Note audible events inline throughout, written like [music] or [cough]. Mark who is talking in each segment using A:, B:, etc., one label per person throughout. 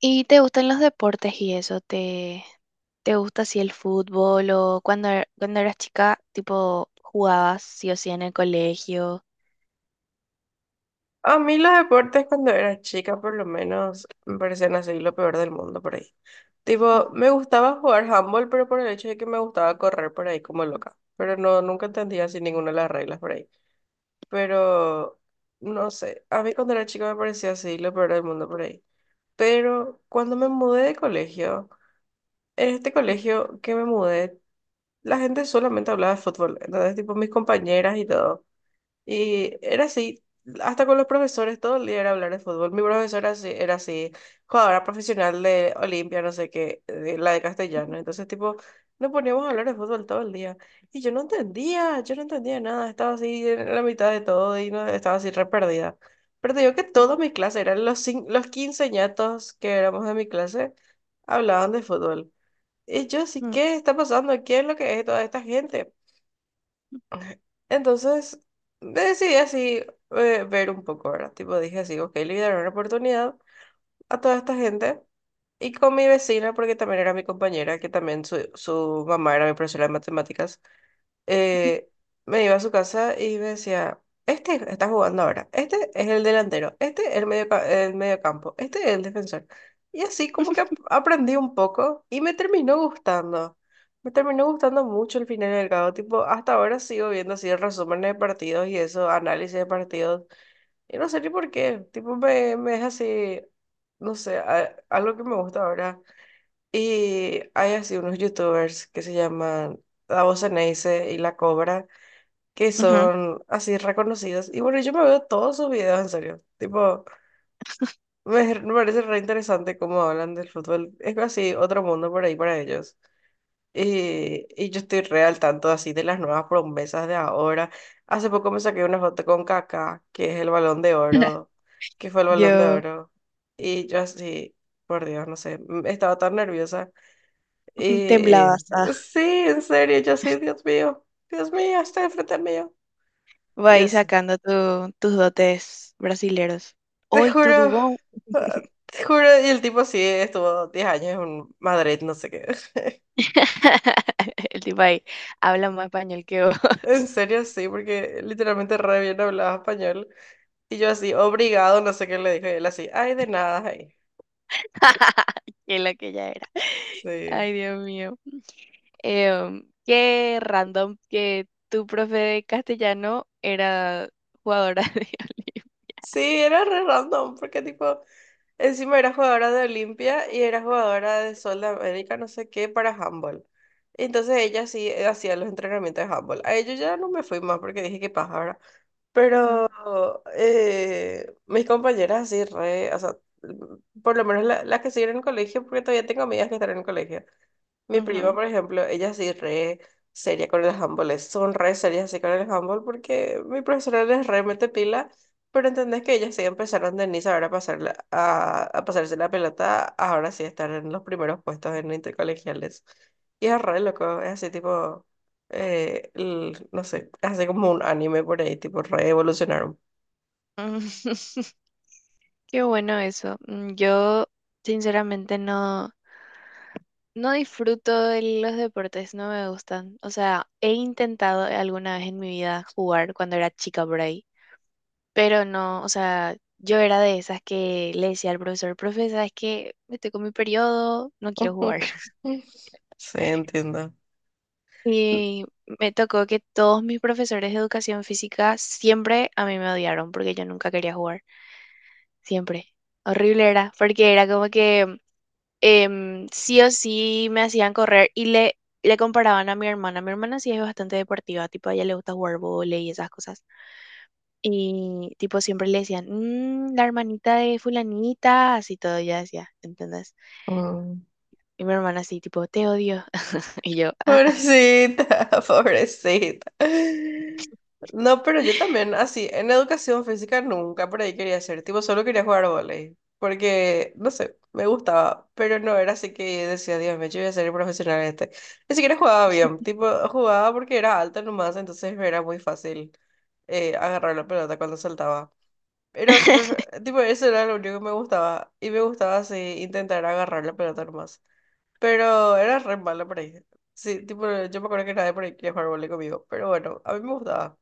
A: ¿Y te gustan los deportes y eso? ¿Te gusta así el fútbol o cuando eras chica, tipo, ¿jugabas sí o sí en el colegio?
B: A mí los deportes cuando era chica, por lo menos, me parecían así lo peor del mundo por ahí. Tipo, me gustaba jugar handball, pero por el hecho de que me gustaba correr por ahí como loca. Pero no, nunca entendía así ninguna de las reglas por ahí. Pero, no sé, a mí cuando era chica me parecía así lo peor del mundo por ahí. Pero cuando me mudé de colegio, en este colegio que me mudé, la gente solamente hablaba de fútbol. Entonces, tipo, mis compañeras y todo. Y era así, hasta con los profesores, todo el día era hablar de fútbol. Mi profesora era así, jugadora profesional de Olimpia, no sé qué, de la de castellano. Entonces, tipo, nos poníamos a hablar de fútbol todo el día. Y yo no entendía nada, estaba así en la mitad de todo y no, estaba así re perdida. Pero te digo que todas mis clases, eran los 15 quinceañatos que éramos de mi clase, hablaban de fútbol. Y yo así, ¿qué está pasando? ¿Qué es lo que es toda esta gente? Entonces decidí así ver un poco, ¿verdad? Tipo dije así, ok, le voy a dar una oportunidad a toda esta gente y con mi vecina, porque también era mi compañera, que también su mamá era mi profesora de matemáticas, eh, me iba a su casa y me decía, este está jugando ahora, este es el delantero, este es el medio, el mediocampo, este es el defensor. Y así como que aprendí un poco y me terminó gustando. Me terminó gustando mucho el final del cabo, tipo, hasta ahora sigo viendo así resúmenes de partidos y eso, análisis de partidos. Y no sé ni por qué, tipo, me es así, no sé, algo que me gusta ahora. Y hay así unos youtubers que se llaman La Voz Ceneice y La Cobra, que
A: Ujú.
B: son así reconocidos. Y bueno, yo me veo todos sus videos, en serio. Tipo, me, [laughs] me parece re interesante cómo hablan del fútbol. Es así otro mundo por ahí para ellos. Y yo estoy re al tanto así de las nuevas promesas de ahora. Hace poco me saqué una foto con Kaká, que es el Balón de Oro, que fue el Balón de
A: Yo
B: Oro. Y yo así, por Dios, no sé, estaba tan nerviosa.
A: [laughs]
B: Y
A: temblabas, ah,
B: sí, en serio, yo así, Dios mío, está enfrente mío.
A: voy
B: Y
A: ahí
B: así.
A: sacando tus dotes brasileros.
B: Te
A: Hoy tu
B: juro,
A: dubón.
B: ah, te juro, y el tipo sí estuvo 10 años en Madrid, no sé qué. [laughs]
A: [laughs] El tipo ahí habla más español que vos,
B: En
A: [laughs]
B: serio, sí, porque literalmente re bien hablaba español. Y yo así, obrigado, no sé qué le dije. Y él así, ay, de nada, ay.
A: que lo que ya era.
B: Sí.
A: Ay, Dios mío. Qué random que tu profe de castellano era jugadora [laughs] de Olimpia.
B: Sí, era re random, porque tipo, encima era jugadora de Olimpia y era jugadora de Sol de América, no sé qué, para handball. Entonces ella sí hacía los entrenamientos de handball. A ello ya no me fui más porque dije, qué paja, ¿verdad?
A: Ujú,
B: Pero mis compañeras así re, o sea, por lo menos las que siguen en el colegio, porque todavía tengo amigas que están en el colegio. Mi prima,
A: ujú,
B: por ejemplo, ella sí re seria con el handball, son re serias así con el handball porque mi profesora les re mete pila, pero entendés que ellas sí empezaron de Niza ahora a, pasar a pasarse la pelota, ahora sí están en los primeros puestos en intercolegiales. Y es re loco, es así tipo, no sé, es así como un anime por ahí, tipo re evolucionaron.
A: ujú. [laughs] Qué bueno eso. Yo sinceramente no. No disfruto de los deportes, no me gustan. O sea, he intentado alguna vez en mi vida jugar cuando era chica por ahí, pero no, o sea, yo era de esas que le decía al profesor: profe, ¿sabes qué? Me tocó mi periodo, no quiero jugar.
B: [laughs]
A: [laughs]
B: Sí, entiendo.
A: Y me tocó que todos mis profesores de educación física siempre a mí me odiaron porque yo nunca quería jugar, siempre. Horrible era, porque era como que sí o sí me hacían correr y le comparaban a mi hermana. Mi hermana sí es bastante deportiva, tipo a ella le gusta jugar vóley y esas cosas. Y tipo siempre le decían: "Mm, la hermanita de fulanita", así todo, ella decía, ¿entendés?
B: Mm.
A: Y mi hermana así, tipo, te odio. [laughs] Y yo, ah, ah.
B: Pobrecita, [laughs] pobrecita. No, pero yo también, así, en educación física nunca por ahí quería ser, tipo, solo quería jugar vóley, porque, no sé, me gustaba, pero no era así que decía, Dios mío, yo voy a ser profesional en este. Ni siquiera jugaba bien, tipo, jugaba porque era alta nomás, entonces era muy fácil agarrar la pelota cuando saltaba. Era súper, tipo, eso era lo único que me gustaba, y me gustaba así intentar agarrar la pelota nomás. Pero era re mala por ahí. Sí, tipo, yo me acuerdo que nadie por ahí quería jugar vole conmigo. Pero bueno, a mí me gustaba.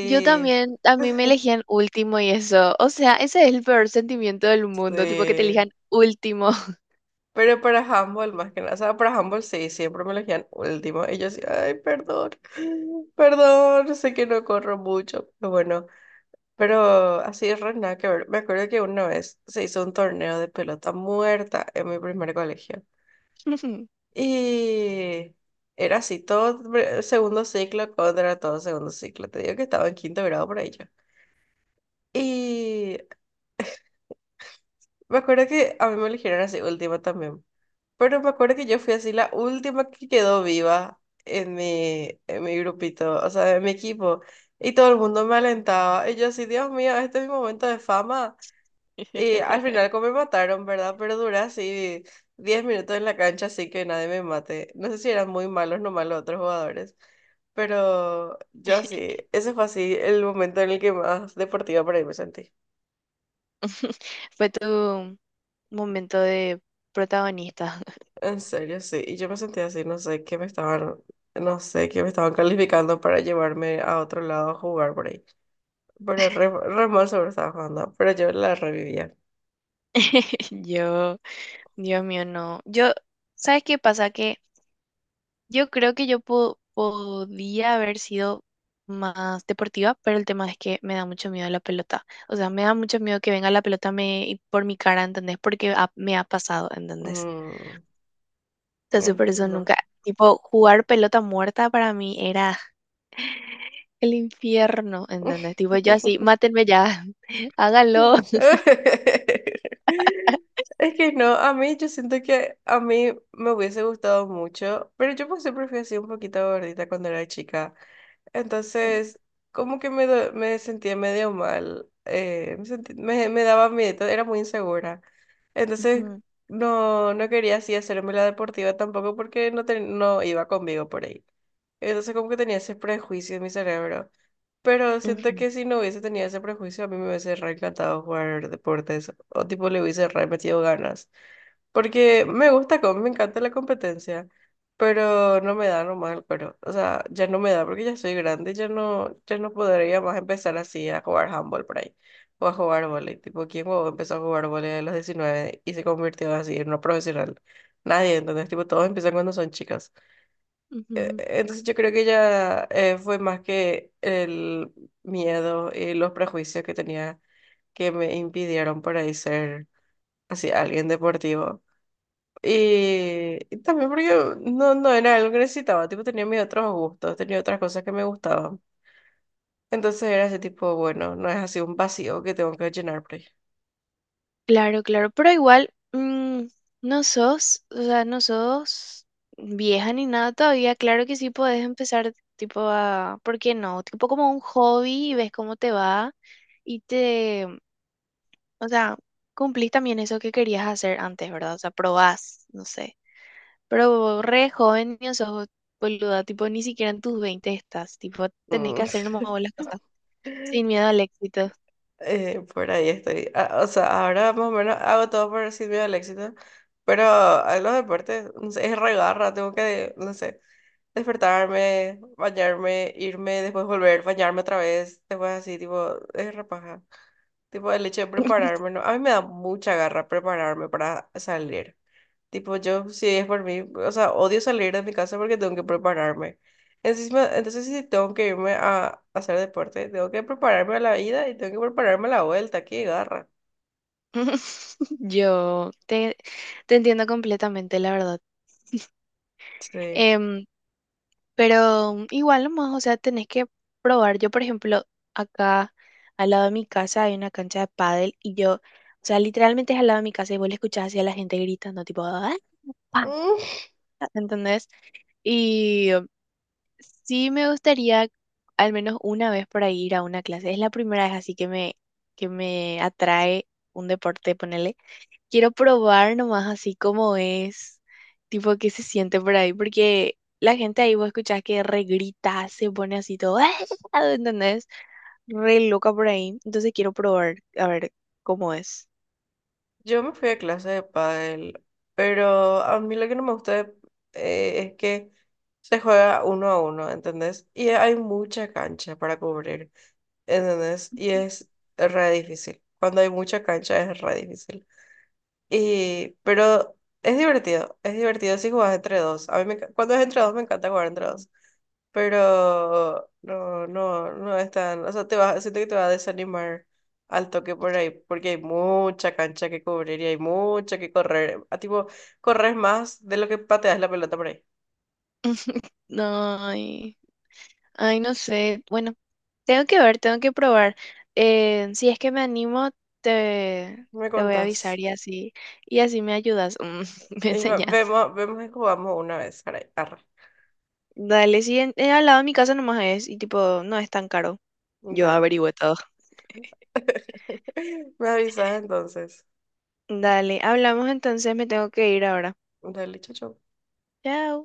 A: Yo también, a mí me elegían último y eso. O sea, ese es el peor sentimiento del
B: [laughs]
A: mundo, tipo que te
B: sí.
A: elijan último.
B: Pero para handball más que nada. O sea, para handball sí, siempre me elegían último. Y yo así, ay, perdón. [gasps] [laughs] Perdón, sé que no corro mucho. Pero bueno, pero así es re nada que ver. Me acuerdo que una vez se hizo un torneo de pelota muerta en mi primer colegio.
A: [laughs]
B: Y era así, todo segundo ciclo contra todo segundo ciclo. Te digo que estaba en quinto grado por ahí yo. Y me acuerdo que a mí me eligieron así última también. Pero me acuerdo que yo fui así la última que quedó viva en mi grupito, o sea, en mi equipo. Y todo el mundo me alentaba. Y yo así, Dios mío, este es mi momento de fama. Y al final como me mataron, ¿verdad? Pero duré así 10 minutos en la cancha así que nadie me mate. No sé si eran muy malos no los otros jugadores, pero yo sí ese fue así el momento en el que más deportiva por ahí me sentí.
A: Fue tu momento de protagonista.
B: En serio, sí. Y yo me sentí así, no sé, que me estaban, no sé, que me estaban calificando para llevarme a otro lado a jugar por ahí. Pero re mal sobre estaba jugando, pero yo la revivía.
A: [laughs] Yo Dios mío, no. Yo, ¿sabes qué pasa? Que yo creo que yo podía haber sido más deportiva, pero el tema es que me da mucho miedo la pelota. O sea, me da mucho miedo que venga la pelota me, y por mi cara, ¿entendés? Porque me ha pasado, ¿entendés?
B: Mm,
A: Entonces, por eso
B: entiendo.
A: nunca, tipo, jugar pelota muerta para mí era el infierno, ¿entendés? Tipo, yo así,
B: [laughs]
A: mátenme ya, [laughs] hágalo.
B: Es que no, a mí yo siento que a mí me hubiese gustado mucho, pero yo pues siempre fui así un poquito gordita cuando era chica. Entonces, como que me sentía medio mal, me daba miedo, era muy insegura. Entonces,
A: Ujú,
B: no quería así hacerme la deportiva tampoco porque no, no iba conmigo por ahí. Entonces, como que tenía ese prejuicio en mi cerebro. Pero siento
A: ujú,
B: que si no hubiese tenido ese prejuicio, a mí me hubiese re encantado jugar deportes o tipo le hubiese re metido ganas. Porque me gusta, me encanta la competencia, pero no me da nomás el cuero. O sea, ya no me da porque ya soy grande, ya no podría más empezar así a jugar handball por ahí. O a jugar vóley. Tipo, ¿quién huevón empezó a jugar vóley a los 19 y se convirtió así en una profesional? Nadie, entonces, tipo, todos empiezan cuando son chicas. Eh,
A: ujú.
B: Entonces yo creo que ya fue más que el miedo y los prejuicios que tenía que me impidieron por ahí ser así alguien deportivo. Y también porque no era algo que necesitaba, tipo tenía mis otros gustos, tenía otras cosas que me gustaban. Entonces era ese tipo, bueno, no es así un vacío que tengo que llenar por ahí.
A: Claro, claro, pero igual, no sos, o sea, no sos vieja ni nada todavía. Claro que sí podés empezar tipo a, ¿por qué no? Tipo como un hobby y ves cómo te va y te, o sea, cumplís también eso que querías hacer antes, ¿verdad? O sea, probás, no sé. Pero re joven ni sos, boluda, tipo ni siquiera en tus 20 estás, tipo tenés
B: Mm.
A: que hacer nomás
B: [laughs]
A: vos las cosas sin miedo al éxito.
B: Por ahí estoy. Ah, o sea, ahora más o menos hago todo por decir miedo al éxito, pero a los deportes, no sé, es regarra, tengo que, no sé, despertarme, bañarme, irme, después volver, bañarme otra vez, después así, tipo, es repaja. Tipo, el hecho de prepararme, no, a mí me da mucha garra prepararme para salir. Tipo, yo, si es por mí, o sea, odio salir de mi casa porque tengo que prepararme. Encima, entonces, si tengo que irme a hacer deporte, tengo que prepararme a la ida y tengo que prepararme a la vuelta. ¡Qué garra!
A: [laughs] Yo te entiendo completamente, la verdad.
B: Sí.
A: Em, pero igual nomás, o sea, tenés que probar. Yo, por ejemplo, acá al lado de mi casa hay una cancha de pádel y yo, o sea, literalmente es al lado de mi casa y vos le escuchás así a la gente gritando, tipo, ¡ah, pa"!,
B: Mm,
A: ¿entendés? Y sí me gustaría al menos una vez por ahí ir a una clase. Es la primera vez así que que me atrae un deporte, ponele. Quiero probar nomás así como es, tipo qué se siente por ahí, porque la gente ahí vos escuchás que regrita, se pone así todo, [laughs] ¿entendés? Re loca por ahí. Entonces quiero probar a ver cómo es.
B: Yo me fui a clase de pádel, pero a mí lo que no me gusta es que se juega uno a uno, ¿entendés? Y hay mucha cancha para cubrir. ¿Entendés? Y es re difícil. Cuando hay mucha cancha es re difícil. Y, pero es divertido si jugás entre dos. A mí me cuando es entre dos me encanta jugar entre dos. Pero no es tan, o sea, te va, siento que te va a desanimar al toque por ahí, porque hay mucha cancha que cubrir y hay mucha que correr. A tipo, corres más de lo que pateas la pelota por ahí.
A: [laughs] No, ay, ay, no sé. Bueno, tengo que ver, tengo que probar. Si es que me animo, te,
B: Me
A: te voy a
B: contás.
A: avisar, y así me ayudas, [laughs] me
B: Y va-
A: enseñas.
B: vemos, vemos y jugamos una vez. Arre, arre.
A: Dale, sí, al lado de mi casa nomás es, y tipo, no es tan caro. Yo
B: Dale.
A: averigüé todo.
B: [laughs] Me avisas entonces.
A: Dale, hablamos entonces, me tengo que ir ahora.
B: Dale, chacho.
A: Chao.